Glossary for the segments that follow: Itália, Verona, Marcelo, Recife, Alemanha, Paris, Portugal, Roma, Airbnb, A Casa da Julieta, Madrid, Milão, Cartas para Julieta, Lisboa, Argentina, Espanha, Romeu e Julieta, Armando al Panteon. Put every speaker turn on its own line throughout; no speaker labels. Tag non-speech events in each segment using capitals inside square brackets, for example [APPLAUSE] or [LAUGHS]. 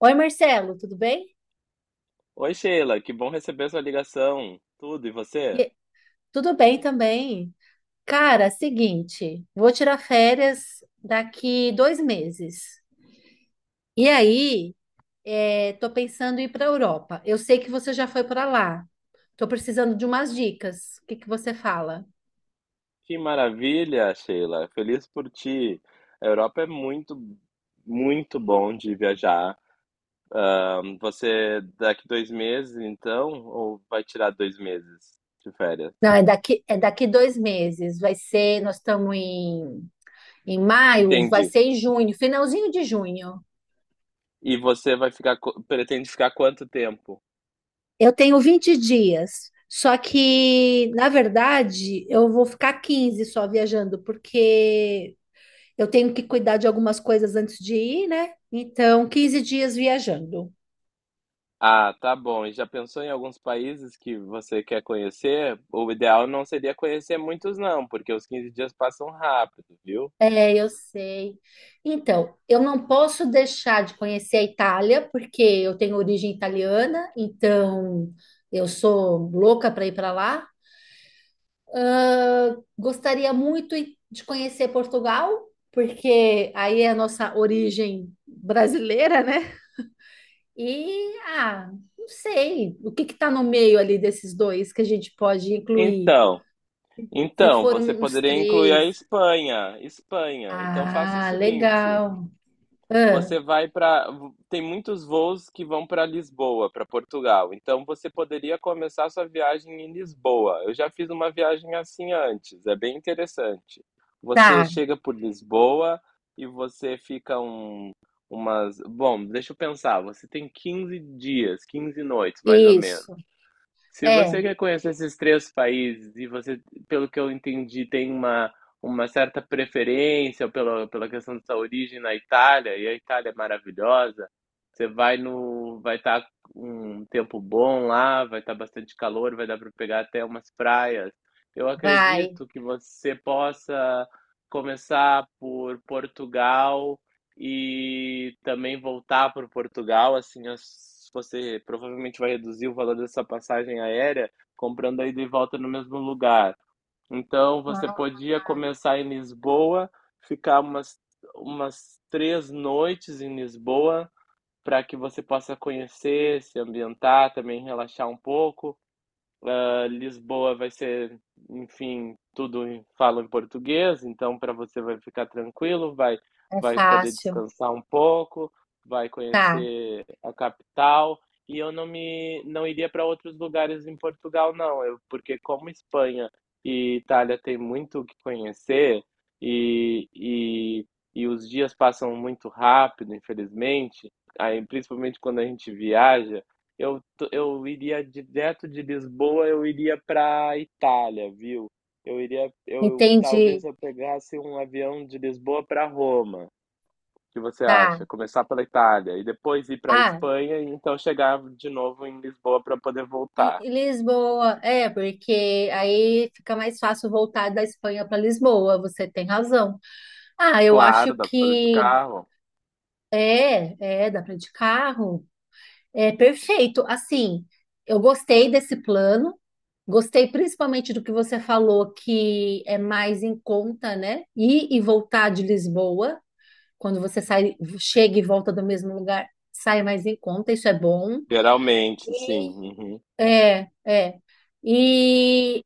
Oi, Marcelo, tudo bem?
Oi, Sheila, que bom receber sua ligação. Tudo, e você?
E- Tudo bem também. Cara, seguinte, vou tirar férias daqui 2 meses. E aí, é, tô pensando em ir para a Europa. Eu sei que você já foi para lá. Tô precisando de umas dicas. O que que você fala?
Que maravilha, Sheila. Feliz por ti. A Europa é muito bom de viajar. Você daqui dois meses, então, ou vai tirar dois meses de férias?
Não, é daqui 2 meses. Vai ser, nós estamos em maio, vai
Entendi.
ser em junho, finalzinho de junho.
E você vai pretende ficar quanto tempo?
Eu tenho 20 dias, só que, na verdade, eu vou ficar 15 só viajando, porque eu tenho que cuidar de algumas coisas antes de ir, né? Então, 15 dias viajando.
Ah, tá bom. E já pensou em alguns países que você quer conhecer? O ideal não seria conhecer muitos, não, porque os 15 dias passam rápido, viu?
É, eu sei. Então, eu não posso deixar de conhecer a Itália, porque eu tenho origem italiana, então eu sou louca para ir para lá. Gostaria muito de conhecer Portugal, porque aí é a nossa origem brasileira, né? E, ah, não sei, o que que tá no meio ali desses dois que a gente pode incluir?
Então,
Se
Então, você
foram uns
poderia incluir a
três.
Espanha. Espanha. Então faça o
Ah,
seguinte,
legal. Ah,
você vai para tem muitos voos que vão para Lisboa, para Portugal. Então você poderia começar sua viagem em Lisboa. Eu já fiz uma viagem assim antes, é bem interessante. Você
tá,
chega por Lisboa e você fica, deixa eu pensar, você tem 15 dias, 15 noites mais ou menos.
isso.
Se
É,
você quer conhecer esses três países e você, pelo que eu entendi, tem uma certa preferência pela questão da sua origem na Itália, e a Itália é maravilhosa, você vai no, vai estar um tempo bom lá, vai estar bastante calor, vai dar para pegar até umas praias. Eu
vai.
acredito que você possa começar por Portugal e também voltar para Portugal, assim, você provavelmente vai reduzir o valor dessa passagem aérea comprando a ida e volta no mesmo lugar. Então, você
Ah,
podia começar em Lisboa, ficar umas três noites em Lisboa, para que você possa conhecer, se ambientar, também relaxar um pouco. Lisboa vai ser, enfim, fala em português, então para você vai ficar tranquilo, vai,
é
vai poder
fácil.
descansar um pouco, vai
Tá,
conhecer a capital. E eu não iria para outros lugares em Portugal, não, porque como Espanha e Itália tem muito o que conhecer e, e, e os dias passam muito rápido, infelizmente, aí, principalmente quando a gente viaja, eu eu iria direto de Lisboa, eu iria para Itália, viu? Eu iria, eu talvez
entendi.
eu pegasse um avião de Lisboa para Roma. O que você
Tá.
acha? Começar pela Itália e depois ir para
Ah,
Espanha e então chegar de novo em Lisboa para poder
e-
voltar.
e Lisboa. É, porque aí fica mais fácil voltar da Espanha para Lisboa. Você tem razão. Ah, eu
Claro,
acho
dá para fazer de
que.
carro.
É, é, dá para de carro. É perfeito. Assim, eu gostei desse plano. Gostei principalmente do que você falou, que é mais em conta, né? Ir e voltar de Lisboa, quando você sai, chega e volta do mesmo lugar, sai mais em conta, isso é bom.
Geralmente,
E
sim.
é, é. E,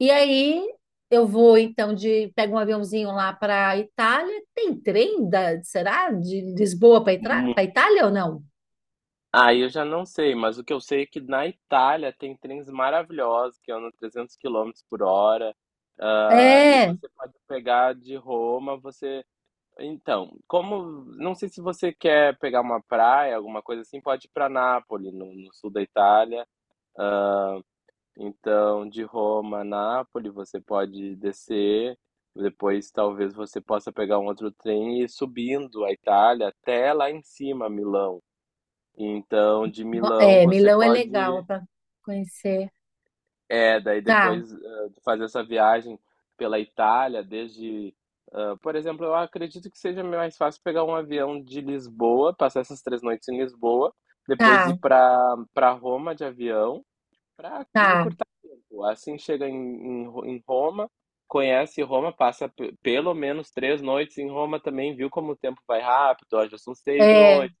e aí eu vou então de pego um aviãozinho lá para Itália. Tem trem da, será? De Lisboa para
Uhum.
Itália ou não?
Ah, eu já não sei, mas o que eu sei é que na Itália tem trens maravilhosos que andam 300 quilômetros por hora, ah, e
É.
você pode pegar de Roma, você então, como não sei se você quer pegar uma praia, alguma coisa assim, pode ir pra Nápoles, no sul da Itália. Então, de Roma a Nápoles, você pode descer, depois talvez você possa pegar um outro trem e ir subindo a Itália até lá em cima, Milão. Então, de Milão
É,
você
Milão é legal
pode.
para conhecer.
É, daí
Tá,
depois, de fazer essa viagem pela Itália, por exemplo, eu acredito que seja mais fácil pegar um avião de Lisboa, passar essas três noites em Lisboa, depois
tá,
ir para Roma de avião, para
tá.
encurtar o tempo. Assim chega em Roma, conhece Roma, pelo menos três noites em Roma também, viu como o tempo vai rápido? Ó, já são seis
É,
noites,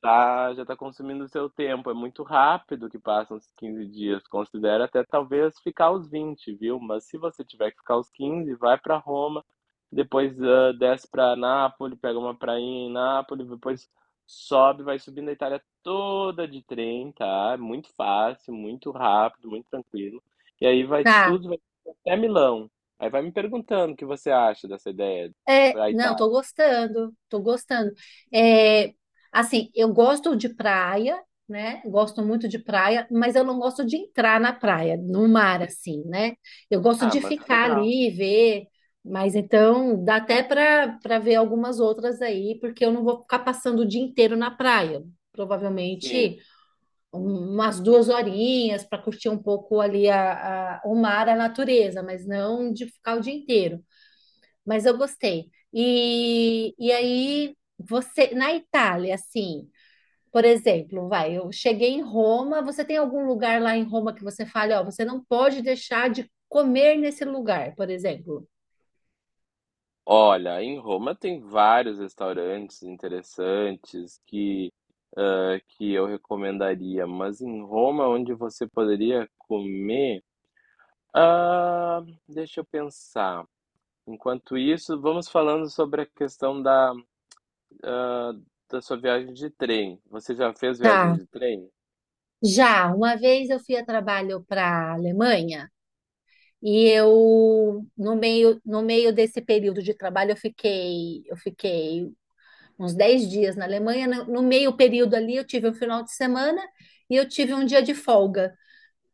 tá, já tá consumindo o seu tempo. É muito rápido que passam os 15 dias. Considera até talvez ficar os vinte, viu? Mas se você tiver que ficar os quinze, vai para Roma, depois desce para Nápoles, pega uma prainha em Nápoles, depois sobe, vai subindo a Itália toda de trem, tá? É muito fácil, muito rápido, muito tranquilo. E aí vai
tá.
tudo, vai até Milão. Aí vai me perguntando o que você acha dessa ideia
É,
para
não, tô
Itália.
gostando, tô gostando. É, assim, eu gosto de praia, né? Gosto muito de praia, mas eu não gosto de entrar na praia, no mar, assim, né? Eu gosto
Ah,
de
mas é
ficar
legal.
ali e ver, mas então dá até para ver algumas outras aí, porque eu não vou ficar passando o dia inteiro na praia.
Sim.
Provavelmente. Umas 2 horinhas para curtir um pouco ali o mar, a natureza, mas não de ficar o dia inteiro. Mas eu gostei. E aí, você, na Itália, assim, por exemplo, vai, eu cheguei em Roma, você tem algum lugar lá em Roma que você fale, ó, você não pode deixar de comer nesse lugar, por exemplo?
Olha, em Roma tem vários restaurantes interessantes que eu recomendaria, mas em Roma onde você poderia comer, ah, deixa eu pensar. Enquanto isso, vamos falando sobre a questão ah, da sua viagem de trem. Você já fez viagem
Tá.
de trem?
Já, uma vez eu fui a trabalho para a Alemanha. E eu, no meio desse período de trabalho, eu fiquei uns 10 dias na Alemanha. No meio período ali, eu tive um final de semana e eu tive um dia de folga,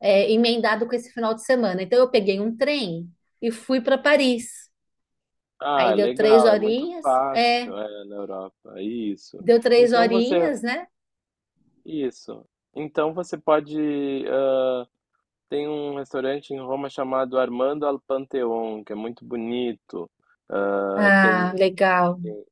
é, emendado com esse final de semana. Então, eu peguei um trem e fui para Paris.
Ah,
Aí
é
deu três
legal, é muito
horinhas, é,
fácil, é, na Europa, isso.
deu três
Então você
horinhas, né?
isso. Então você pode. Tem um restaurante em Roma chamado Armando al Panteon, que é muito bonito. Ah,
Ah,
tem,
legal.
tem,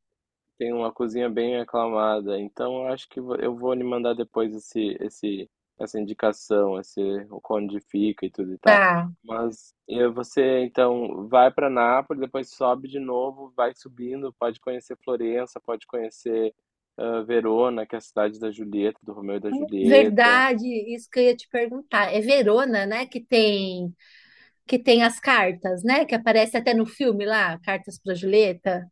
tem uma cozinha bem aclamada. Então, eu acho eu vou lhe mandar depois essa indicação, o onde fica e tudo e tal.
Tá.
Mas você, então, vai para Nápoles, depois sobe de novo, vai subindo, pode conhecer Florença, pode conhecer Verona, que é a cidade da Julieta, do Romeu e da Julieta.
Verdade, isso que eu ia te perguntar. É Verona, né, que tem as cartas, né? Que aparece até no filme lá, Cartas para Julieta.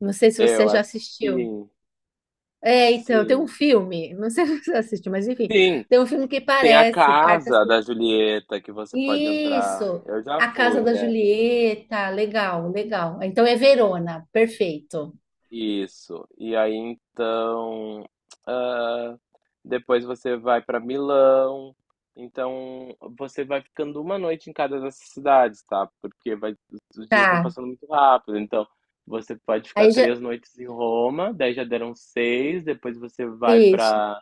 Não sei se
É,
você
eu
já
acho que
assistiu.
sim,
É, então, tem um
sim.
filme, não sei [LAUGHS] se você assistiu, mas enfim,
Sim,
tem um filme que
tem a
parece Cartas
casa
para.
da Julieta que você pode entrar.
Isso,
Eu já
a Casa
fui,
da
é. Bem,
Julieta, legal, legal. Então é Verona, perfeito.
isso. E aí então, ah, depois você vai para Milão. Então, você vai ficando uma noite em cada dessas cidades, tá? Porque vai, os dias vão
Tá.
passando muito rápido. Então, você pode ficar
Aí já
três noites em Roma, daí já deram seis. Depois você vai
isso,
para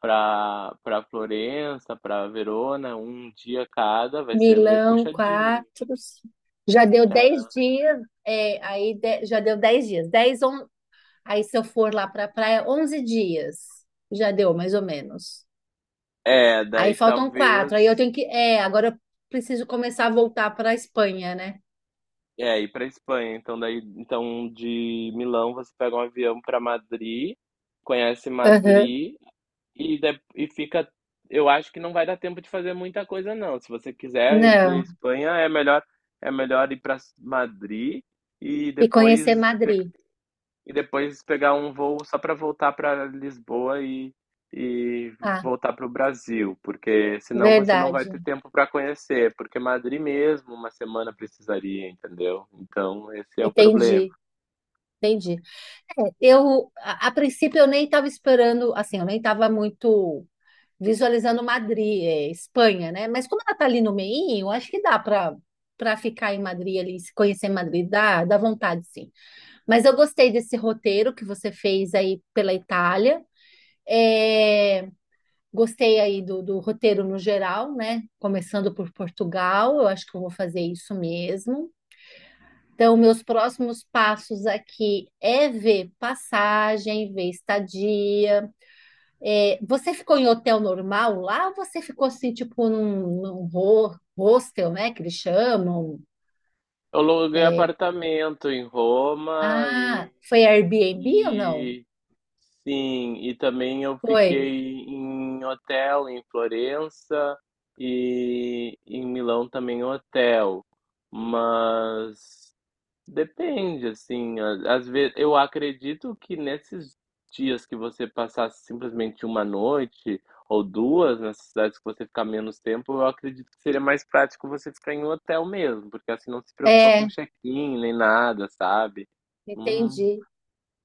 para para Florença, para Verona, um dia cada. Vai ser meio
Milão,
puxadinho.
quatro, já deu 10 dias. É, aí já deu 10 dias, 10, aí, se eu for lá para a praia, 11 dias. Já deu, mais ou menos.
É,
Aí
daí
faltam quatro. Aí eu
talvez.
tenho que. É, agora eu preciso começar a voltar para a Espanha, né?
É, ir pra Espanha. Então, daí, então de Milão você pega um avião pra Madrid, conhece
Aham.
Madrid e fica. Eu acho que não vai dar tempo de fazer muita coisa, não. Se você quiser incluir a
Não.
Espanha, é melhor ir pra Madrid e
E
depois
conhecer Madrid.
pegar um voo só para voltar para Lisboa e
Ah,
voltar para o Brasil, porque senão você não vai
verdade.
ter tempo para conhecer, porque Madrid mesmo uma semana precisaria, entendeu? Então esse é o problema.
Entendi. Entendi. É, eu, a princípio, eu nem estava esperando, assim, eu nem estava muito visualizando Madrid, é, Espanha, né? Mas como ela tá ali no meio, acho que dá para ficar em Madrid ali, se conhecer Madrid, dá vontade, sim. Mas eu gostei desse roteiro que você fez aí pela Itália. É, gostei aí do roteiro no geral, né? Começando por Portugal, eu acho que eu vou fazer isso mesmo. Então, meus próximos passos aqui é ver passagem, ver estadia. É, você ficou em hotel normal lá ou você ficou assim, tipo, num hostel, né? Que eles chamam.
Eu aluguei
É,
apartamento em Roma
ah,
e,
foi Airbnb ou não?
e sim, e também eu
Foi.
fiquei em hotel em Florença e em Milão também hotel, mas depende, assim, às vezes eu acredito que nesses dias que você passasse simplesmente uma noite ou duas nessas cidades que você ficar menos tempo, eu acredito que seria mais prático você ficar em um hotel mesmo, porque assim não se preocupa com
É,
check-in nem nada, sabe? Hum,
entendi.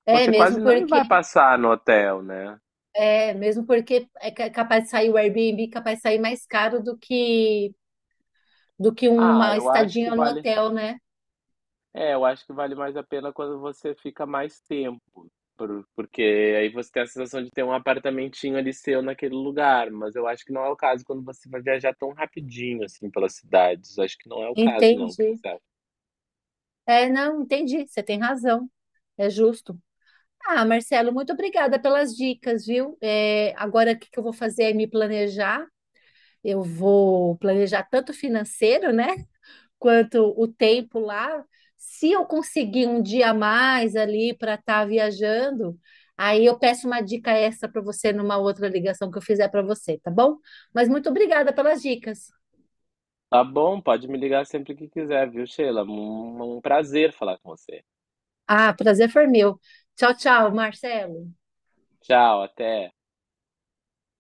É,
Você quase não vai passar no hotel, né?
mesmo porque é capaz de sair o Airbnb, capaz de sair mais caro do que
Ah,
uma
eu acho que
estadinha no
vale
hotel, né?
É, eu acho que vale mais a pena quando você fica mais tempo, porque aí você tem a sensação de ter um apartamentinho ali seu naquele lugar, mas eu acho que não é o caso quando você vai viajar tão rapidinho assim pelas cidades. Acho que não é o caso não, o que
Entendi.
você acha?
É, não, entendi. Você tem razão. É justo. Ah, Marcelo, muito obrigada pelas dicas, viu? É, agora o que que eu vou fazer é me planejar. Eu vou planejar tanto financeiro, né, quanto o tempo lá, se eu conseguir um dia a mais ali para estar viajando, aí eu peço uma dica extra para você numa outra ligação que eu fizer para você, tá bom? Mas muito obrigada pelas dicas.
Tá bom, pode me ligar sempre que quiser, viu, Sheila? Um prazer falar com você.
Ah, prazer foi meu. Tchau, tchau, Marcelo.
Tchau, até.